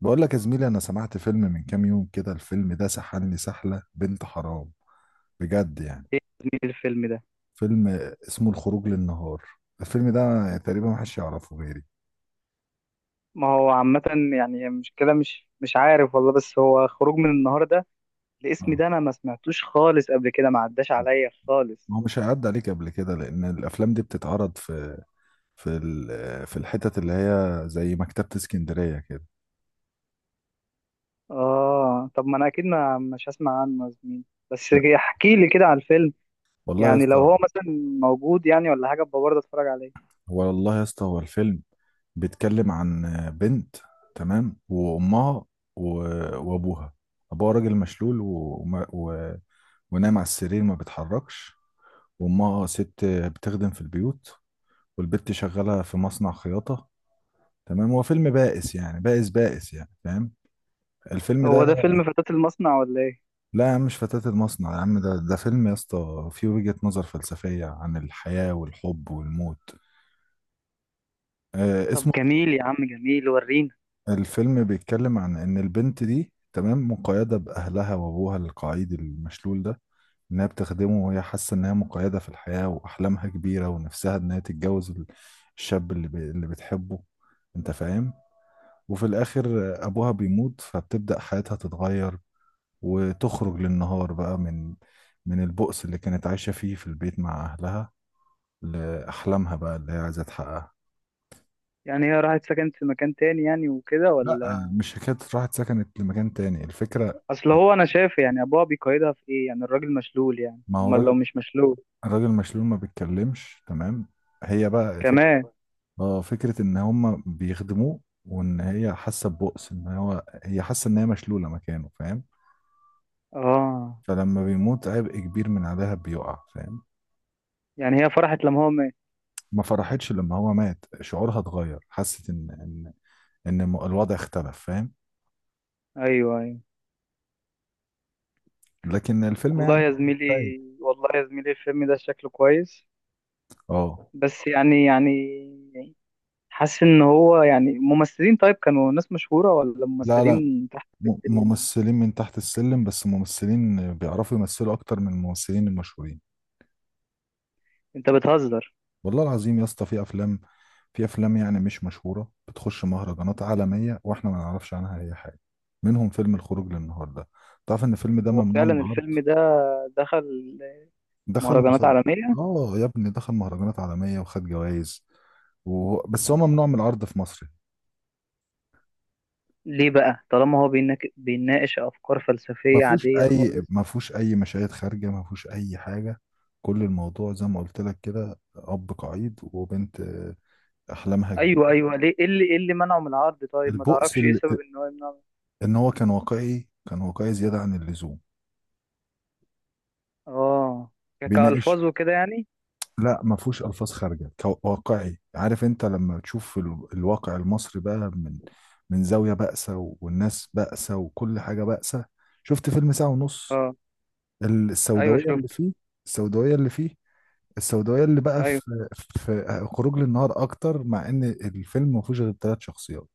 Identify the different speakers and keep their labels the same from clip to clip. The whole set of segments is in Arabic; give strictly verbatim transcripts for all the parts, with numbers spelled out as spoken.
Speaker 1: بقول لك يا زميلي، انا سمعت فيلم من كام يوم كده. الفيلم ده سحلني سحلة بنت حرام بجد يعني.
Speaker 2: ايه يا زميلي الفيلم ده.
Speaker 1: فيلم اسمه الخروج للنهار. الفيلم ده تقريبا محدش يعرفه غيري.
Speaker 2: ما هو عامة يعني مش كده مش مش عارف والله، بس هو خروج من النهار ده، الاسم
Speaker 1: اه،
Speaker 2: ده انا ما سمعتوش خالص قبل كده، ما عداش عليا خالص.
Speaker 1: ما هو مش هيعدي عليك قبل كده لان الافلام دي بتتعرض في في ال- في الحتت اللي هي زي مكتبة اسكندرية كده.
Speaker 2: اه طب ما انا اكيد ما مش هسمع عنه يا زميلي، بس
Speaker 1: لا،
Speaker 2: احكي لي كده على الفيلم،
Speaker 1: والله يا
Speaker 2: يعني لو
Speaker 1: اسطى.
Speaker 2: هو مثلا موجود يعني ولا حاجة ابقى برضه اتفرج عليه.
Speaker 1: هو والله يا اسطى هو الفيلم بيتكلم عن بنت تمام، وامها، و- وابوها. ابوها راجل مشلول و... ونايم على السرير، ما بتحركش. وامها آه ست بتخدم في البيوت، والبت شغالة في مصنع خياطة. تمام، هو فيلم بائس يعني، بائس بائس يعني، فاهم الفيلم
Speaker 2: هو
Speaker 1: ده.
Speaker 2: ده فيلم فتاة المصنع ولا ايه؟
Speaker 1: لا يا عم، مش فتاة المصنع يا عم، ده ده فيلم يا اسطى فيه وجهة نظر فلسفية عن الحياة والحب والموت. آه
Speaker 2: طب
Speaker 1: اسمه.
Speaker 2: جميل يا عم، جميل، ورينا.
Speaker 1: الفيلم بيتكلم عن ان البنت دي تمام مقيدة باهلها، وابوها القعيد المشلول ده انها بتخدمه، وهي حاسة انها مقيدة في الحياة، واحلامها كبيرة، ونفسها انها تتجوز ال- الشاب اللي, ب... اللي بتحبه، انت فاهم. وفي الاخر ابوها بيموت، فبتبدأ حياتها تتغير وتخرج للنهار بقى من من البؤس اللي كانت عايشة فيه في البيت مع اهلها، لأحلامها بقى اللي هي عايزة تحققها.
Speaker 2: يعني هي راحت سكنت في مكان تاني يعني وكده
Speaker 1: لا،
Speaker 2: ولا؟
Speaker 1: مش حكاية راحت سكنت لمكان تاني الفكرة.
Speaker 2: اصل هو انا شايف يعني ابوها بيقيدها في ايه يعني، الراجل مشلول، يعني
Speaker 1: ما هو
Speaker 2: امال لو
Speaker 1: الراجل
Speaker 2: مش مشلول
Speaker 1: الراجل مشلول ما بيتكلمش تمام. هي بقى فك...
Speaker 2: كمان.
Speaker 1: اه، فكرة ان هم بيخدموه، وان هي حاسة ببؤس، ان هو هي حاسة ان هي مشلولة مكانه، فاهم.
Speaker 2: اه،
Speaker 1: فلما بيموت، عبء كبير من عليها بيقع، فاهم.
Speaker 2: يعني هي فرحت لما هو مات؟
Speaker 1: ما فرحتش لما هو مات، شعورها اتغير، حست ان ان ان الم- الوضع اختلف، فاهم.
Speaker 2: ايوه ايوه.
Speaker 1: لكن الفيلم
Speaker 2: والله
Speaker 1: يعني.
Speaker 2: يا زميلي،
Speaker 1: طيب.
Speaker 2: والله يا زميلي الفيلم ده شكله كويس،
Speaker 1: اه.
Speaker 2: بس يعني يعني حاسس ان هو يعني ممثلين طيب كانوا ناس مشهورة ولا
Speaker 1: لا لا،
Speaker 2: ممثلين تحت
Speaker 1: م-
Speaker 2: السلم؟
Speaker 1: ممثلين من تحت السلم، بس ممثلين بيعرفوا يمثلوا اكتر من الممثلين المشهورين.
Speaker 2: انت بتهزر.
Speaker 1: والله العظيم يا اسطى في افلام، في افلام يعني مش مشهوره بتخش مهرجانات عالميه واحنا ما نعرفش عنها اي حاجه، منهم فيلم الخروج للنهارده. تعرف ان الفيلم ده
Speaker 2: هو
Speaker 1: ممنوع من
Speaker 2: فعلا
Speaker 1: العرض؟
Speaker 2: الفيلم ده دخل
Speaker 1: دخل
Speaker 2: مهرجانات
Speaker 1: مسابقه.
Speaker 2: عالمية.
Speaker 1: اه يا ابني، دخل مهرجانات عالميه وخد جوائز و... بس هو ممنوع من العرض في مصر.
Speaker 2: ليه بقى طالما هو بيناك- بيناقش افكار
Speaker 1: ما
Speaker 2: فلسفية
Speaker 1: فيهوش
Speaker 2: عادية
Speaker 1: اي
Speaker 2: خالص؟
Speaker 1: ما فيهوش اي مشاهد خارجه، ما فيهوش اي حاجه. كل الموضوع زي ما قلت لك كده، اب قعيد وبنت آه، احلامها
Speaker 2: ايوه
Speaker 1: كبيره.
Speaker 2: ايوه، ليه ايه اللي ايه اللي منعه من العرض؟ طيب ما
Speaker 1: البؤس
Speaker 2: تعرفش ايه
Speaker 1: ال-
Speaker 2: سبب ان هو يمنعه؟
Speaker 1: ان هو كان واقعي، كان واقعي زياده عن اللزوم.
Speaker 2: اه، ك-
Speaker 1: بيناقش.
Speaker 2: كألفاظ وكده يعني؟
Speaker 1: لا، ما فيهوش الفاظ خارجه، كو- واقعي. عارف انت لما تشوف ال- الواقع المصري بقى من من زاويه بائسه، و- والناس بائسه، وكل حاجه بائسه. شفت فيلم ساعه ونص،
Speaker 2: اه.
Speaker 1: ال-
Speaker 2: ايوه
Speaker 1: السوداويه اللي
Speaker 2: شفت.
Speaker 1: فيه، السوداويه اللي فيه، السوداويه اللي بقى في
Speaker 2: ايوه،
Speaker 1: في خروج للنهار اكتر، مع ان الفيلم ما فيهوش غير ثلاث شخصيات.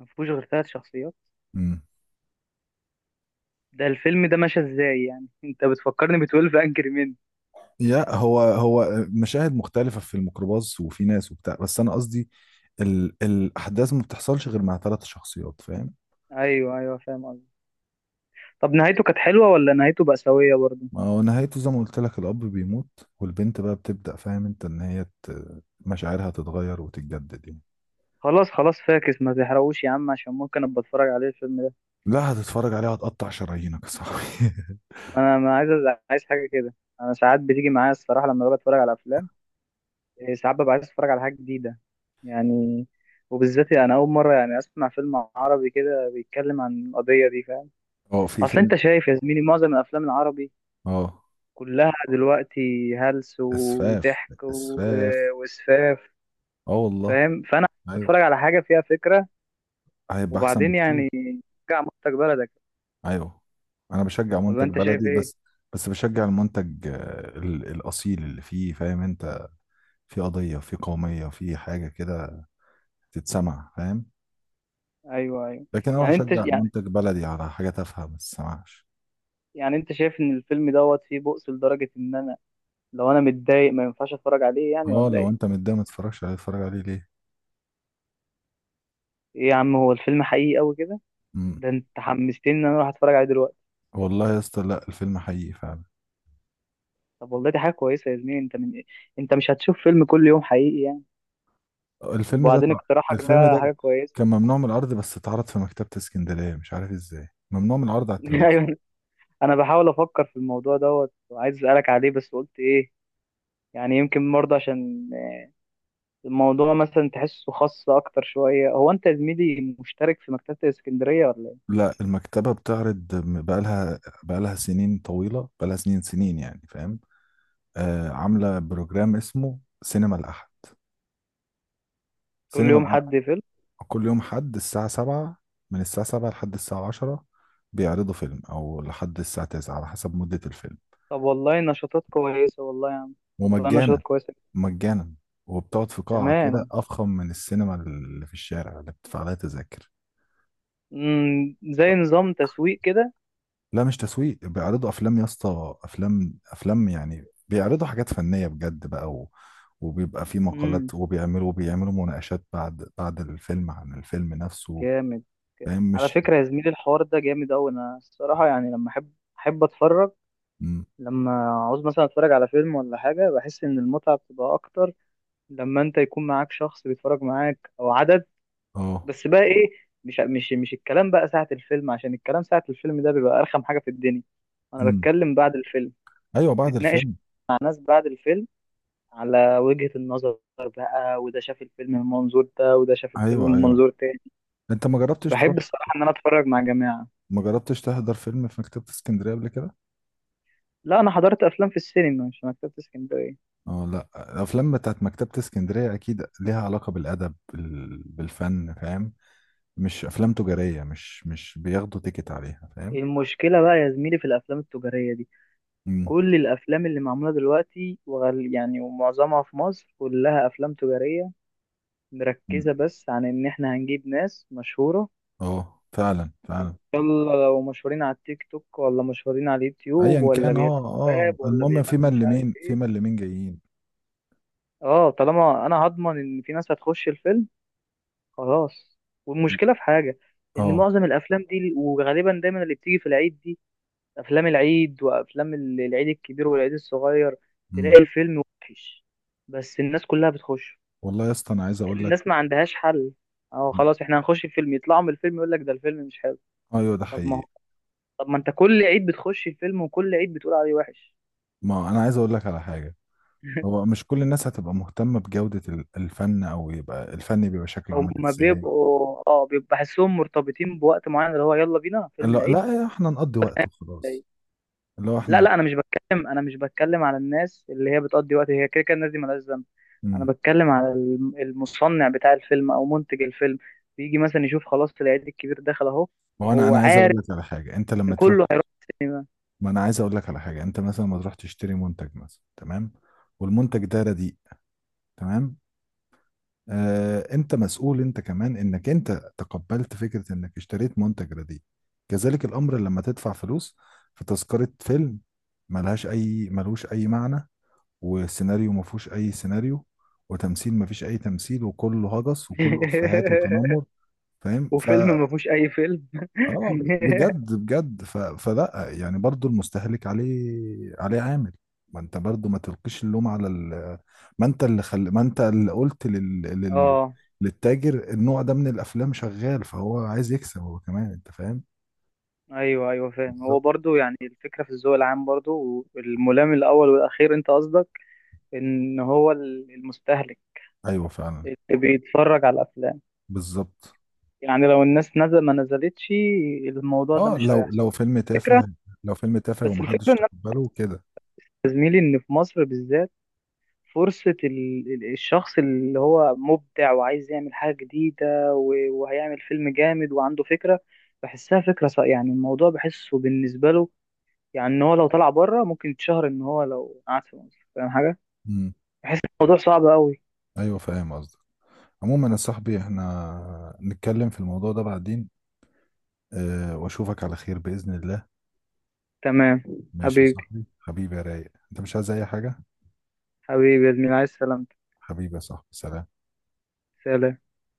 Speaker 2: ما فيهوش غير ثلاث شخصيات؟
Speaker 1: امم.
Speaker 2: ده الفيلم ده ماشي ازاي يعني؟ انت بتفكرني ب اتناشر انجري مان.
Speaker 1: يا هو هو مشاهد مختلفه في الميكروباص وفي ناس وبتاع، بس انا قصدي ال- الاحداث ما بتحصلش غير مع ثلاث شخصيات، فاهم.
Speaker 2: ايوه ايوه فاهم قصدي. طب نهايته كانت حلوه ولا نهايته بأساوية برضه؟
Speaker 1: ما هو نهايته زي ما قلت لك، الأب بيموت والبنت بقى بتبدأ، فاهم انت، ان هي ت- مشاعرها تتغير وتتجدد يعني.
Speaker 2: خلاص خلاص فاكس، ما تحرقوش يا عم، عشان ممكن ابقى اتفرج عليه الفيلم ده.
Speaker 1: لا، هتتفرج عليها هتقطع شرايينك يا صاحبي.
Speaker 2: انا ما عايز عايز حاجه كده. انا ساعات بتيجي معايا الصراحه لما ببقى اتفرج على افلام، إيه، ساعات ببقى عايز اتفرج على حاجه جديده يعني، وبالذات يعني انا اول مره يعني اسمع فيلم عربي كده بيتكلم عن القضيه دي، فاهم؟
Speaker 1: اه، في
Speaker 2: اصل انت
Speaker 1: فيلم.
Speaker 2: شايف يا زميلي معظم الافلام العربي
Speaker 1: اه.
Speaker 2: كلها دلوقتي هلس
Speaker 1: اسفاف،
Speaker 2: وضحك و-
Speaker 1: اسفاف.
Speaker 2: وسفاف،
Speaker 1: اه والله.
Speaker 2: فاهم؟ فانا
Speaker 1: ايوه.
Speaker 2: بتفرج على حاجه فيها فكره،
Speaker 1: هيبقى احسن
Speaker 2: وبعدين
Speaker 1: بكتير.
Speaker 2: يعني ترجع مصدر بلدك،
Speaker 1: ايوه، انا بشجع
Speaker 2: ولا
Speaker 1: منتج
Speaker 2: انت شايف
Speaker 1: بلدي
Speaker 2: ايه؟
Speaker 1: بس. بس بشجع المنتج آه، ال- الاصيل اللي فيه، فاهم انت، في قضية، في قومية، في حاجة كده تتسمع، فاهم.
Speaker 2: ايوه ايوه.
Speaker 1: لكن اروح
Speaker 2: يعني انت
Speaker 1: اشجع
Speaker 2: يعني
Speaker 1: منتج بلدي على حاجة تافهة، ما تسمعش.
Speaker 2: يعني انت شايف ان الفيلم دوت فيه بؤس لدرجه ان انا لو انا متضايق ما ينفعش اتفرج عليه يعني
Speaker 1: اه،
Speaker 2: ولا
Speaker 1: لو
Speaker 2: ايه؟
Speaker 1: انت متضايق ما تتفرجش عليه، اتفرج عليه ليه؟
Speaker 2: ايه يا عم، هو الفيلم حقيقي قوي كده؟
Speaker 1: مم.
Speaker 2: ده انت حمستني ان انا اروح اتفرج عليه دلوقتي.
Speaker 1: والله يا اسطى، لا، الفيلم حقيقي فعلا.
Speaker 2: طب والله دي حاجه كويسه يا زميلي، انت من إيه؟ انت مش هتشوف فيلم كل يوم حقيقي يعني،
Speaker 1: الفيلم ده
Speaker 2: وبعدين
Speaker 1: تع-
Speaker 2: اقتراحك
Speaker 1: الفيلم
Speaker 2: ده
Speaker 1: ده
Speaker 2: حاجه كويسه.
Speaker 1: كان ممنوع من العرض، بس اتعرض في مكتبة اسكندرية. مش عارف ازاي ممنوع من العرض على التلفزيون.
Speaker 2: ايوه، انا بحاول افكر في الموضوع دوت وعايز اسالك عليه بس قلت ايه؟ يعني يمكن برضه عشان الموضوع مثلا تحسه خاص اكتر شويه. هو انت يا زميلي مشترك في مكتبه الاسكندريه ولا ايه؟
Speaker 1: لا، المكتبة بتعرض م- بقالها بقالها سنين طويلة، بقالها سنين سنين يعني، فاهم. آه، عاملة بروجرام اسمه سينما الأحد.
Speaker 2: كل
Speaker 1: سينما
Speaker 2: يوم حد
Speaker 1: الأحد،
Speaker 2: فيلم؟
Speaker 1: كل يوم حد الساعة سبعة، من الساعة سبعة لحد الساعة عشرة بيعرضوا فيلم، أو لحد الساعة تسعة على حسب مدة الفيلم.
Speaker 2: طب والله نشاطات كويسه والله يا عم، والله
Speaker 1: ومجانا،
Speaker 2: نشاطات كويسه
Speaker 1: مجانا. وبتقعد في قاعة كده
Speaker 2: كمان.
Speaker 1: أفخم من السينما اللي في الشارع اللي بتدفع لها تذاكر.
Speaker 2: امم،
Speaker 1: و-
Speaker 2: زي نظام تسويق كده؟
Speaker 1: لا مش تسويق، بيعرضوا أفلام يا اسطى، أفلام أفلام يعني، بيعرضوا حاجات فنية بجد بقى و... وبيبقى في مقالات،
Speaker 2: امم،
Speaker 1: وبيعملوا وبيعملوا مناقشات بعد بعد الفيلم عن الفيلم نفسه،
Speaker 2: جامد.
Speaker 1: فاهم
Speaker 2: على
Speaker 1: مش.
Speaker 2: فكره يا زميلي الحوار ده جامد قوي. انا الصراحه يعني لما احب احب اتفرج،
Speaker 1: مم.
Speaker 2: لما عاوز مثلا اتفرج على فيلم ولا حاجه، بحس ان المتعه بتبقى اكتر لما انت يكون معاك شخص بيتفرج معاك او عدد.
Speaker 1: اه.
Speaker 2: بس بقى ايه، مش مش مش الكلام بقى ساعة الفيلم، عشان الكلام ساعة الفيلم ده بيبقى ارخم حاجة في الدنيا. انا
Speaker 1: مم.
Speaker 2: بتكلم بعد الفيلم،
Speaker 1: ايوه، بعد
Speaker 2: تتناقش
Speaker 1: الفيلم.
Speaker 2: مع ناس بعد الفيلم على وجهة النظر بقى، وده شاف الفيلم من منظور ده وده شاف الفيلم
Speaker 1: ايوه
Speaker 2: من
Speaker 1: ايوه.
Speaker 2: منظور تاني.
Speaker 1: انت ما جربتش تروح،
Speaker 2: بحب الصراحة ان انا اتفرج مع جماعة.
Speaker 1: ما جربتش تحضر فيلم في مكتبة اسكندرية قبل كده؟
Speaker 2: لا انا حضرت افلام في السينما، مش في مكتبة اسكندرية.
Speaker 1: اه لا، الافلام بتاعت مكتبة اسكندرية اكيد ليها علاقة بالادب، بال- بالفن، فاهم، مش افلام تجارية، مش مش بياخدوا تيكت عليها، فاهم.
Speaker 2: المشكلة بقى يا زميلي في الافلام التجارية دي،
Speaker 1: مم.
Speaker 2: كل الافلام اللي معموله دلوقتي وغال يعني ومعظمها في مصر كلها افلام تجاريه،
Speaker 1: مم.
Speaker 2: مركزه بس عن ان احنا هنجيب ناس مشهوره،
Speaker 1: اه فعلا، فعلا.
Speaker 2: يلا لو مشهورين على التيك توك ولا مشهورين على اليوتيوب
Speaker 1: ايا
Speaker 2: ولا
Speaker 1: كان، اه
Speaker 2: بيغنوا
Speaker 1: اه،
Speaker 2: راب ولا
Speaker 1: المهم في
Speaker 2: بيغنوا مش عارف
Speaker 1: ملمين، في
Speaker 2: ايه.
Speaker 1: ملمين جايين.
Speaker 2: اه طالما انا هضمن ان في ناس هتخش الفيلم خلاص. والمشكله في حاجه، ان
Speaker 1: اه.
Speaker 2: معظم الافلام دي وغالبا دايما اللي بتيجي في العيد دي، افلام العيد وافلام ال- العيد الكبير والعيد الصغير،
Speaker 1: امم.
Speaker 2: تلاقي الفيلم وحش بس الناس كلها بتخش،
Speaker 1: والله يا اسطى انا عايز اقول لك.
Speaker 2: الناس ما عندهاش حل. اه خلاص احنا هنخش الفيلم، يطلعوا من الفيلم يقول لك ده الفيلم مش حلو.
Speaker 1: ايوه، ده
Speaker 2: طب ما هو
Speaker 1: حقيقي.
Speaker 2: طب ما انت كل عيد بتخش الفيلم وكل عيد بتقول عليه وحش.
Speaker 1: ما انا عايز اقول لك على حاجة، هو مش كل الناس هتبقى مهتمة بجودة ال- الفن، او يبقى الفن بيبقى شكله عامل
Speaker 2: هما
Speaker 1: ازاي.
Speaker 2: بيبقوا اه بيبقى بحسهم مرتبطين بوقت معين اللي هو يلا بينا فيلم
Speaker 1: لا
Speaker 2: العيد.
Speaker 1: لا، احنا نقضي وقت وخلاص،
Speaker 2: العيد.
Speaker 1: اللي هو
Speaker 2: لا
Speaker 1: احنا.
Speaker 2: لا انا مش بتكلم انا مش بتكلم على الناس اللي هي بتقضي وقت، هي كده كده الناس دي مالهاش ذنب. انا
Speaker 1: امم.
Speaker 2: بتكلم على الم- المصنع بتاع الفيلم او منتج الفيلم، بيجي مثلا يشوف خلاص العيد الكبير دخل اهو،
Speaker 1: وانا
Speaker 2: فهو
Speaker 1: انا عايز اقول
Speaker 2: عارف
Speaker 1: لك على حاجه، انت
Speaker 2: ان
Speaker 1: لما تروح.
Speaker 2: كله هيروح السينما.
Speaker 1: ما انا عايز اقول لك على حاجه، انت مثلا لما تروح تشتري منتج مثلا، تمام، والمنتج ده رديء، تمام، آه، انت مسؤول انت كمان انك انت تقبلت فكره انك اشتريت منتج رديء. كذلك الامر لما تدفع فلوس في تذكره فيلم ملهاش اي، ملوش اي معنى، وسيناريو ما فيهوش اي سيناريو، وتمثيل ما فيش اي تمثيل، وكله هجس، وكله افيهات وتنمر، فاهم. ف
Speaker 2: وفيلم ما فيهوش اي فيلم.
Speaker 1: اه بجد، بجد. ف... فلا يعني، برضو المستهلك عليه عليه عامل. ما انت برضو ما تلقيش اللوم على ال... ما انت اللي خل... ما انت اللي قلت لل... لل...
Speaker 2: اه
Speaker 1: للتاجر النوع ده من الافلام شغال، فهو عايز يكسب هو كمان، انت فاهم.
Speaker 2: ايوه ايوه فاهم. هو
Speaker 1: بالظبط.
Speaker 2: برضو يعني الفكره في الذوق العام برضو والملام الاول والاخير، انت قصدك ان هو ال- المستهلك
Speaker 1: ايوه فعلا.
Speaker 2: اللي بيتفرج على الافلام،
Speaker 1: بالظبط.
Speaker 2: يعني لو الناس نزل ما نزلتش الموضوع ده
Speaker 1: اه،
Speaker 2: مش
Speaker 1: لو
Speaker 2: هيحصل،
Speaker 1: لو فيلم
Speaker 2: فكره.
Speaker 1: تافه، لو فيلم تافه
Speaker 2: بس الفكره
Speaker 1: ومحدش
Speaker 2: ان انا
Speaker 1: تقبله كده.
Speaker 2: يا زميلي ان في مصر بالذات، فرصه ال- ال- الشخص اللي هو مبدع وعايز يعمل حاجه جديده و- وهيعمل فيلم جامد وعنده فكره، بحسها فكره ص- يعني الموضوع بحسه بالنسبه له يعني، ان هو لو طلع بره ممكن يتشهر، ان هو لو قعد في مصر، فاهم حاجه،
Speaker 1: امم.
Speaker 2: بحس الموضوع صعب قوي.
Speaker 1: ايوه فاهم قصدك. عموما يا صاحبي احنا نتكلم في الموضوع ده بعدين. أه، واشوفك على خير بإذن الله.
Speaker 2: تمام.
Speaker 1: ماشي يا
Speaker 2: حبيبي،
Speaker 1: صاحبي، حبيبي يا رايق، انت مش عايز اي حاجة؟
Speaker 2: حبيبي يا زميلي، عايز سلامتك.
Speaker 1: حبيبي يا صاحبي، سلام.
Speaker 2: سلام.